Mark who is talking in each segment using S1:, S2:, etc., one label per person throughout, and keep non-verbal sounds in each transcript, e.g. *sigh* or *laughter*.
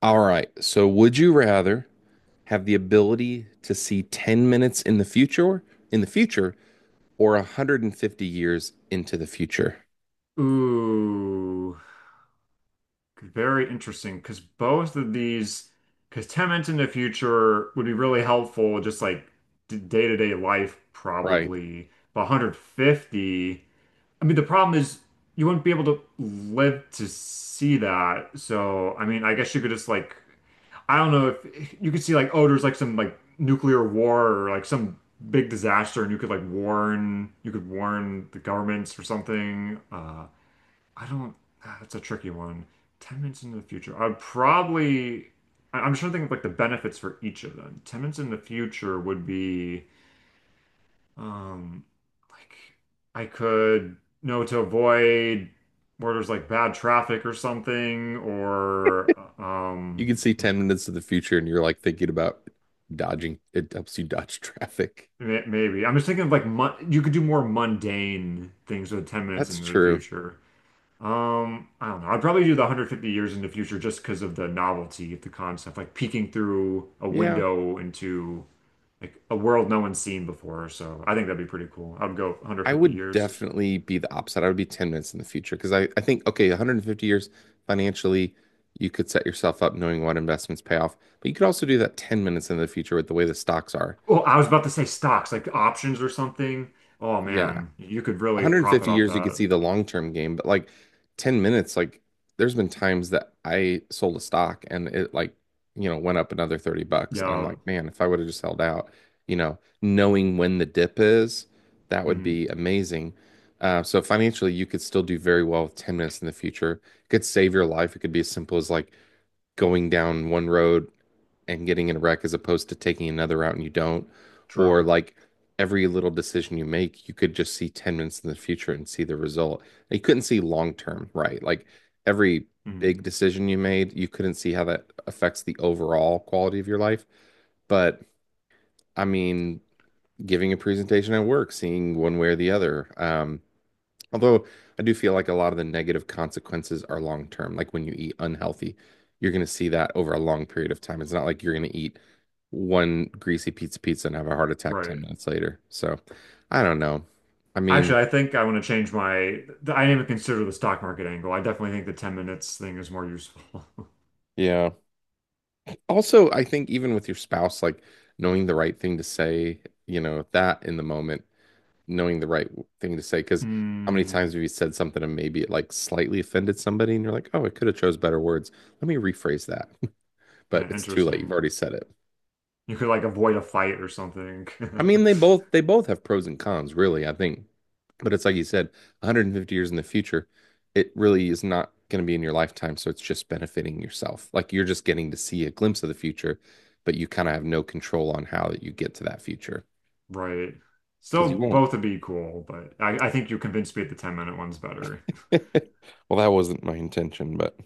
S1: All right. So would you rather have the ability to see 10 minutes in the future in the future or 150 years into the future?
S2: Ooh, very interesting. Because both of these, because 10 minutes in the future would be really helpful, just like day-to-day life,
S1: Right.
S2: probably. But 150, I mean, the problem is you wouldn't be able to live to see that. So, I mean, I guess you could just like, I don't know if you could see like, oh, there's like some like nuclear war or like some big disaster, and you could like warn, you could warn the governments or something. I don't. That's a tricky one. 10 minutes into the future, I'd probably. I'm trying to think of like the benefits for each of them. 10 minutes in the future would be, um, like I could know to avoid where there's like bad traffic or something, or
S1: You can see 10 minutes of the future and you're like thinking about dodging. It helps you dodge *laughs* traffic.
S2: maybe I'm just thinking of like mon you could do more mundane things with 10 minutes
S1: That's
S2: into the
S1: true.
S2: future. I don't know. I'd probably do the 150 years in the future just because of the novelty of the concept, like peeking through a
S1: Yeah.
S2: window into like a world no one's seen before. So I think that'd be pretty cool. I'd go
S1: I
S2: 150
S1: would
S2: years.
S1: definitely be the opposite. I would be 10 minutes in the future because I think, okay, 150 years financially, you could set yourself up knowing what investments pay off, but you could also do that 10 minutes in the future with the way the stocks are.
S2: Oh, I was about to say stocks, like options or something. Oh
S1: Yeah,
S2: man, you could really profit
S1: 150
S2: off
S1: years, you could
S2: that.
S1: see the long term game, but like 10 minutes, like there's been times that I sold a stock and it like, went up another 30 bucks. And I'm
S2: Yeah.
S1: like, man, if I would have just held out, knowing when the dip is, that would
S2: Mm,
S1: be amazing. So financially, you could still do very well with 10 minutes in the future. It could save your life. It could be as simple as like going down one road and getting in a wreck as opposed to taking another route and you don't, or
S2: true.
S1: like every little decision you make, you could just see 10 minutes in the future and see the result. And you couldn't see long term, right? Like every
S2: Mm,
S1: big decision you made, you couldn't see how that affects the overall quality of your life. But I mean, giving a presentation at work, seeing one way or the other. Although I do feel like a lot of the negative consequences are long term. Like when you eat unhealthy, you're going to see that over a long period of time. It's not like you're going to eat one greasy pizza and have a heart attack
S2: right.
S1: 10 minutes later. So I don't know. I mean,
S2: Actually, I think I want to change my. I didn't even consider the stock market angle. I definitely think the 10 minutes thing is more useful. *laughs*
S1: yeah. Also, I think even with your spouse, like knowing the right thing to say, that in the moment, knowing the right thing to say, because how many
S2: Hmm.
S1: times have you said something and maybe it like slightly offended somebody and you're like, oh, I could have chose better words. Let me rephrase that. But
S2: Yeah,
S1: it's too late. You've
S2: interesting.
S1: already said it.
S2: You could like avoid a fight or something.
S1: I
S2: *laughs*
S1: mean, they both have pros and cons, really, I think. But it's like you said, 150 years in the future, it really is not going to be in your lifetime, so it's just benefiting yourself. Like you're just getting to see a glimpse of the future, but you kind of have no control on how you get to that future
S2: Right.
S1: because
S2: Still
S1: you won't.
S2: both would
S1: *laughs*
S2: be cool, but I think you convinced me that the 10-minute one's better.
S1: Well, that wasn't my intention, but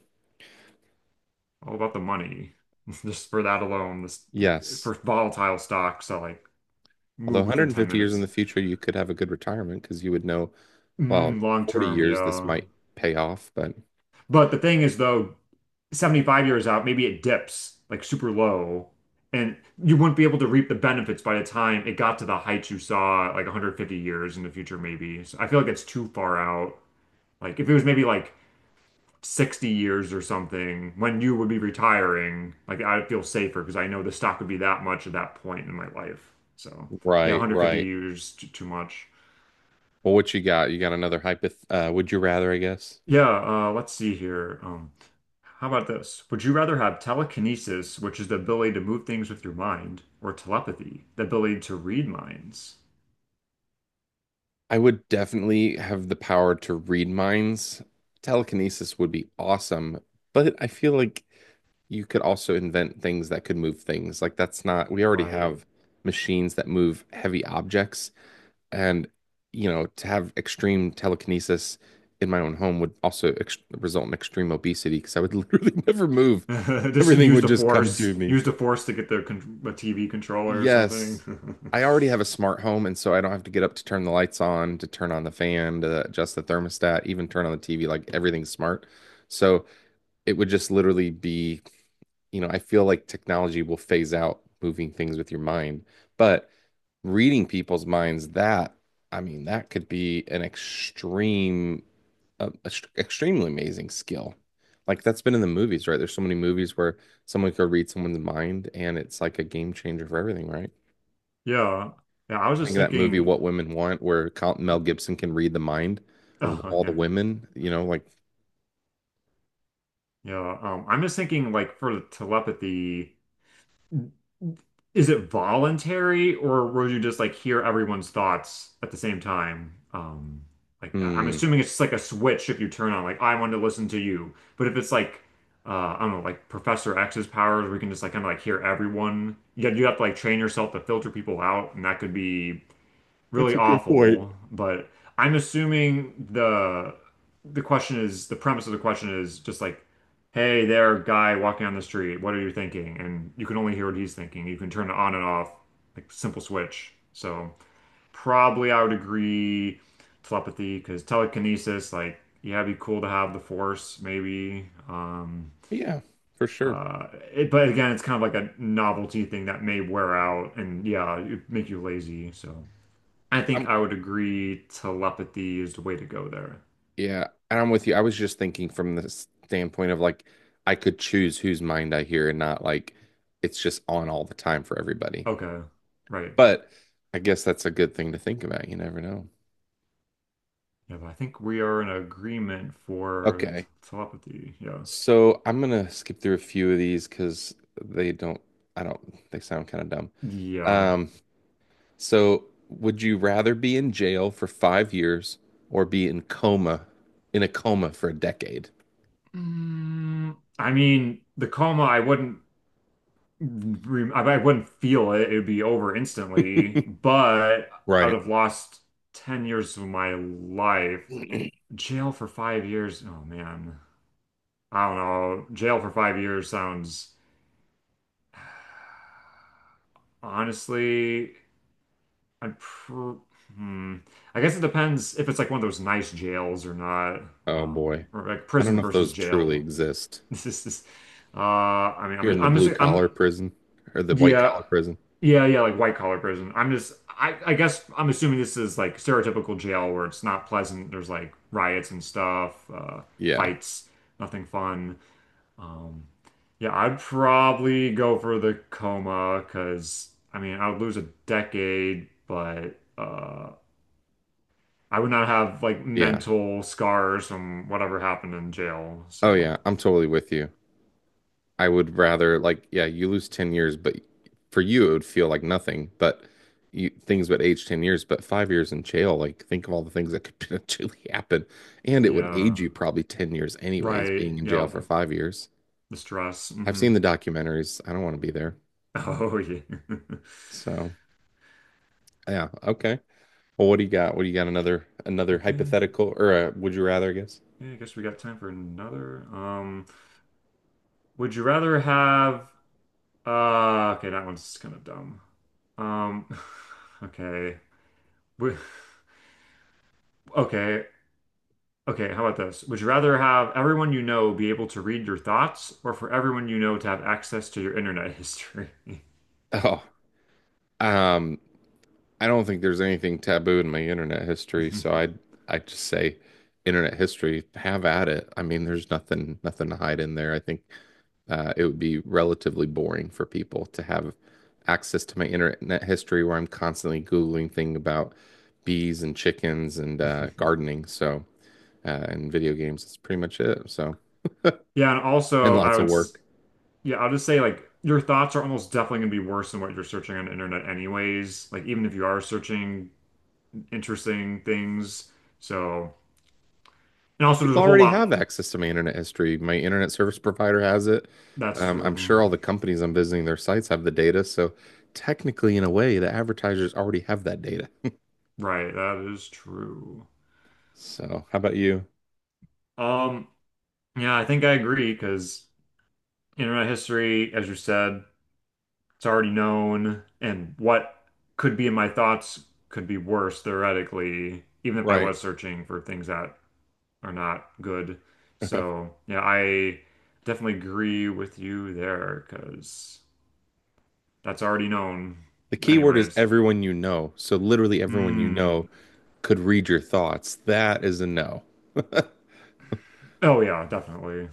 S2: All about the money. *laughs* Just for that alone, this like
S1: yes.
S2: for volatile stocks that like
S1: Although
S2: move within 10
S1: 150 years in
S2: minutes.
S1: the future, you could have a good retirement because you would know, well,
S2: Mm, long
S1: 40
S2: term,
S1: years this
S2: yeah.
S1: might pay off, but
S2: But the thing is though, 75 years out, maybe it dips like super low, and you wouldn't be able to reap the benefits by the time it got to the heights you saw like 150 years in the future, maybe. So I feel like it's too far out. Like if it was maybe like 60 years or something when you would be retiring, like I'd feel safer because I know the stock would be that much at that point in my life. So yeah,
S1: right,
S2: 150
S1: right.
S2: years too much.
S1: Well, what you got? You got another hypoth would you rather, I guess?
S2: Yeah, let's see here. How about this? Would you rather have telekinesis, which is the ability to move things with your mind, or telepathy, the ability to read minds?
S1: I would definitely have the power to read minds. Telekinesis would be awesome, but I feel like you could also invent things that could move things. Like that's not, we already
S2: Right.
S1: have machines that move heavy objects, and you know, to have extreme telekinesis in my own home would also ex result in extreme obesity because I would *laughs* literally never move.
S2: *laughs* Just
S1: Everything would just come to me.
S2: use the force to get the TV controller or something.
S1: Yes.
S2: *laughs*
S1: I already have a smart home, and so I don't have to get up to turn the lights on, to turn on the fan, to adjust the thermostat, even turn on the TV. Like everything's smart. So it would just literally be, you know, I feel like technology will phase out moving things with your mind. But reading people's minds, that, I mean, that could be an extreme, extremely amazing skill. Like that's been in the movies, right? There's so many movies where someone could read someone's mind and it's like a game changer for everything, right?
S2: Yeah. Yeah, I
S1: I
S2: was just
S1: think of that movie
S2: thinking.
S1: What Women Want, where Mel Gibson can read the mind of
S2: Oh
S1: all the
S2: yeah,
S1: women, you know, like,
S2: yeah. I'm just thinking like for the telepathy, is it voluntary or would you just like hear everyone's thoughts at the same time? Like I'm
S1: hmm.
S2: assuming it's just like a switch if you turn on like I want to listen to you, but if it's like I don't know, like Professor X's powers, we can just like kind of like hear everyone. Yet you have to like train yourself to filter people out, and that could be
S1: That's
S2: really
S1: a good point.
S2: awful, but I'm assuming the question is the premise of the question is just like, hey there, guy walking on the street, what are you thinking? And you can only hear what he's thinking. You can turn it on and off, like simple switch. So probably I would agree telepathy because telekinesis, like yeah, it'd be cool to have the force maybe.
S1: Yeah, for sure.
S2: But again, it's kind of like a novelty thing that may wear out and yeah, it make you lazy. So. I
S1: I'm
S2: think I would agree telepathy is the way to go there.
S1: yeah, and I'm with you. I was just thinking from the standpoint of like I could choose whose mind I hear and not like it's just on all the time for everybody.
S2: Okay, right.
S1: But I guess that's a good thing to think about. You never know.
S2: Yeah, but I think we are in agreement for t
S1: Okay.
S2: telepathy. Yeah.
S1: So I'm gonna skip through a few of these because they don't I don't they sound kind of dumb.
S2: Yeah.
S1: Um So, would you rather be in jail for 5 years or be in coma, in a coma for a decade?
S2: I mean, the coma, I wouldn't feel it. It would be over instantly,
S1: *laughs*
S2: but I would
S1: Right.
S2: have lost 10 years of my life. Jail for 5 years. Oh man. I don't know. Jail for 5 years sounds honestly. I'd pr hmm. I guess it depends if it's like one of those nice jails or not,
S1: Oh boy.
S2: or like
S1: I don't
S2: prison
S1: know if
S2: versus
S1: those truly
S2: jail. *laughs*
S1: exist.
S2: This is this. I mean,
S1: You're
S2: I'm
S1: in the
S2: I'm
S1: blue
S2: just I'm
S1: collar prison or the white
S2: yeah,
S1: collar prison.
S2: yeah, yeah, like white collar prison. I'm just I guess I'm assuming this is like stereotypical jail where it's not pleasant. There's like riots and stuff,
S1: Yeah.
S2: fights, nothing fun. Um, yeah, I'd probably go for the coma because I mean I would lose a decade, but I would not have like
S1: Yeah.
S2: mental scars from whatever happened in jail.
S1: Oh
S2: So,
S1: yeah. I'm totally with you. I would rather like yeah, you lose 10 years, but for you it would feel like nothing, but you things would age 10 years, but 5 years in jail, like think of all the things that could *laughs* potentially happen. And it would age
S2: yeah.
S1: you probably 10 years anyways,
S2: Right.
S1: being in jail
S2: Yep.
S1: for 5 years.
S2: The stress.
S1: I've
S2: Hmm.
S1: seen the documentaries. I don't want to be there.
S2: Oh, yeah. *laughs*
S1: So yeah, okay. Well, what do you got? What do you got? Another another
S2: Okay.
S1: hypothetical or a would you rather, I guess?
S2: Yeah, I guess we got time for another. Would you rather have, okay, that one's kind of dumb. Um, *laughs* *sighs* okay. Would- Okay. Okay, how about this? Would you rather have everyone you know be able to read your thoughts or for everyone you know to have access to your internet history?
S1: *laughs* Oh, um, I don't think there's anything taboo in my internet history, so I just say internet history, have at it. I mean, there's nothing to hide in there. I think it would be relatively boring for people to have access to my internet history where I'm constantly Googling things about bees and chickens and
S2: *laughs*
S1: gardening, so and video games. That's pretty much it. So,
S2: Yeah, and
S1: and
S2: also,
S1: well, lots of work.
S2: yeah, I'll just say like your thoughts are almost definitely gonna be worse than what you're searching on the internet anyways. Like even if you are searching interesting things. So, and also there's
S1: People
S2: a whole
S1: already
S2: lot.
S1: have access to my internet history. My internet service provider has it.
S2: That's
S1: I'm
S2: true.
S1: sure all the companies I'm visiting their sites have the data. So technically, in a way, the advertisers already have that data. *laughs*
S2: Right, that is true.
S1: So how about you?
S2: Um, yeah, I think I agree because internet history, as you said, it's already known, and what could be in my thoughts could be worse theoretically, even if I
S1: Right. *laughs*
S2: was searching for things that are not good.
S1: The
S2: So yeah, I definitely agree with you there because that's already known
S1: keyword is
S2: anyways.
S1: everyone you know. So literally everyone you
S2: Hmm.
S1: know could read your thoughts. That is a no. *laughs* That
S2: Oh yeah, definitely.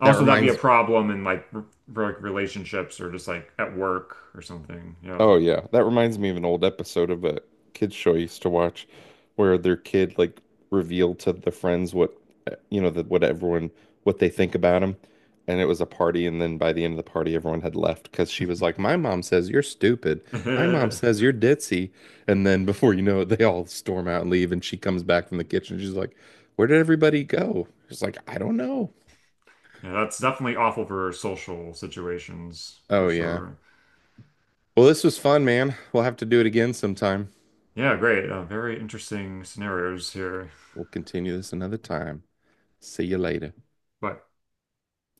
S2: Also, that'd be a
S1: reminds
S2: problem in like relationships or just like at work or something. Yeah.
S1: Oh yeah, that reminds me of an old episode of a kids show I used to watch, where their kid like revealed to the friends what that what everyone what they think about him, and it was a party, and then by the end of the party, everyone had left because she was like, "My mom says you're stupid. My mom *laughs* says
S2: *laughs*
S1: you're ditzy," and then before you know it, they all storm out and leave, and she comes back from the kitchen. She's like, "Where did everybody go?" She's like, "I don't know."
S2: Yeah, that's definitely awful for social situations
S1: Oh
S2: for
S1: yeah.
S2: sure.
S1: Well, this was fun, man. We'll have to do it again sometime.
S2: Yeah, great. Very interesting scenarios here.
S1: We'll continue this another time. See you later.
S2: But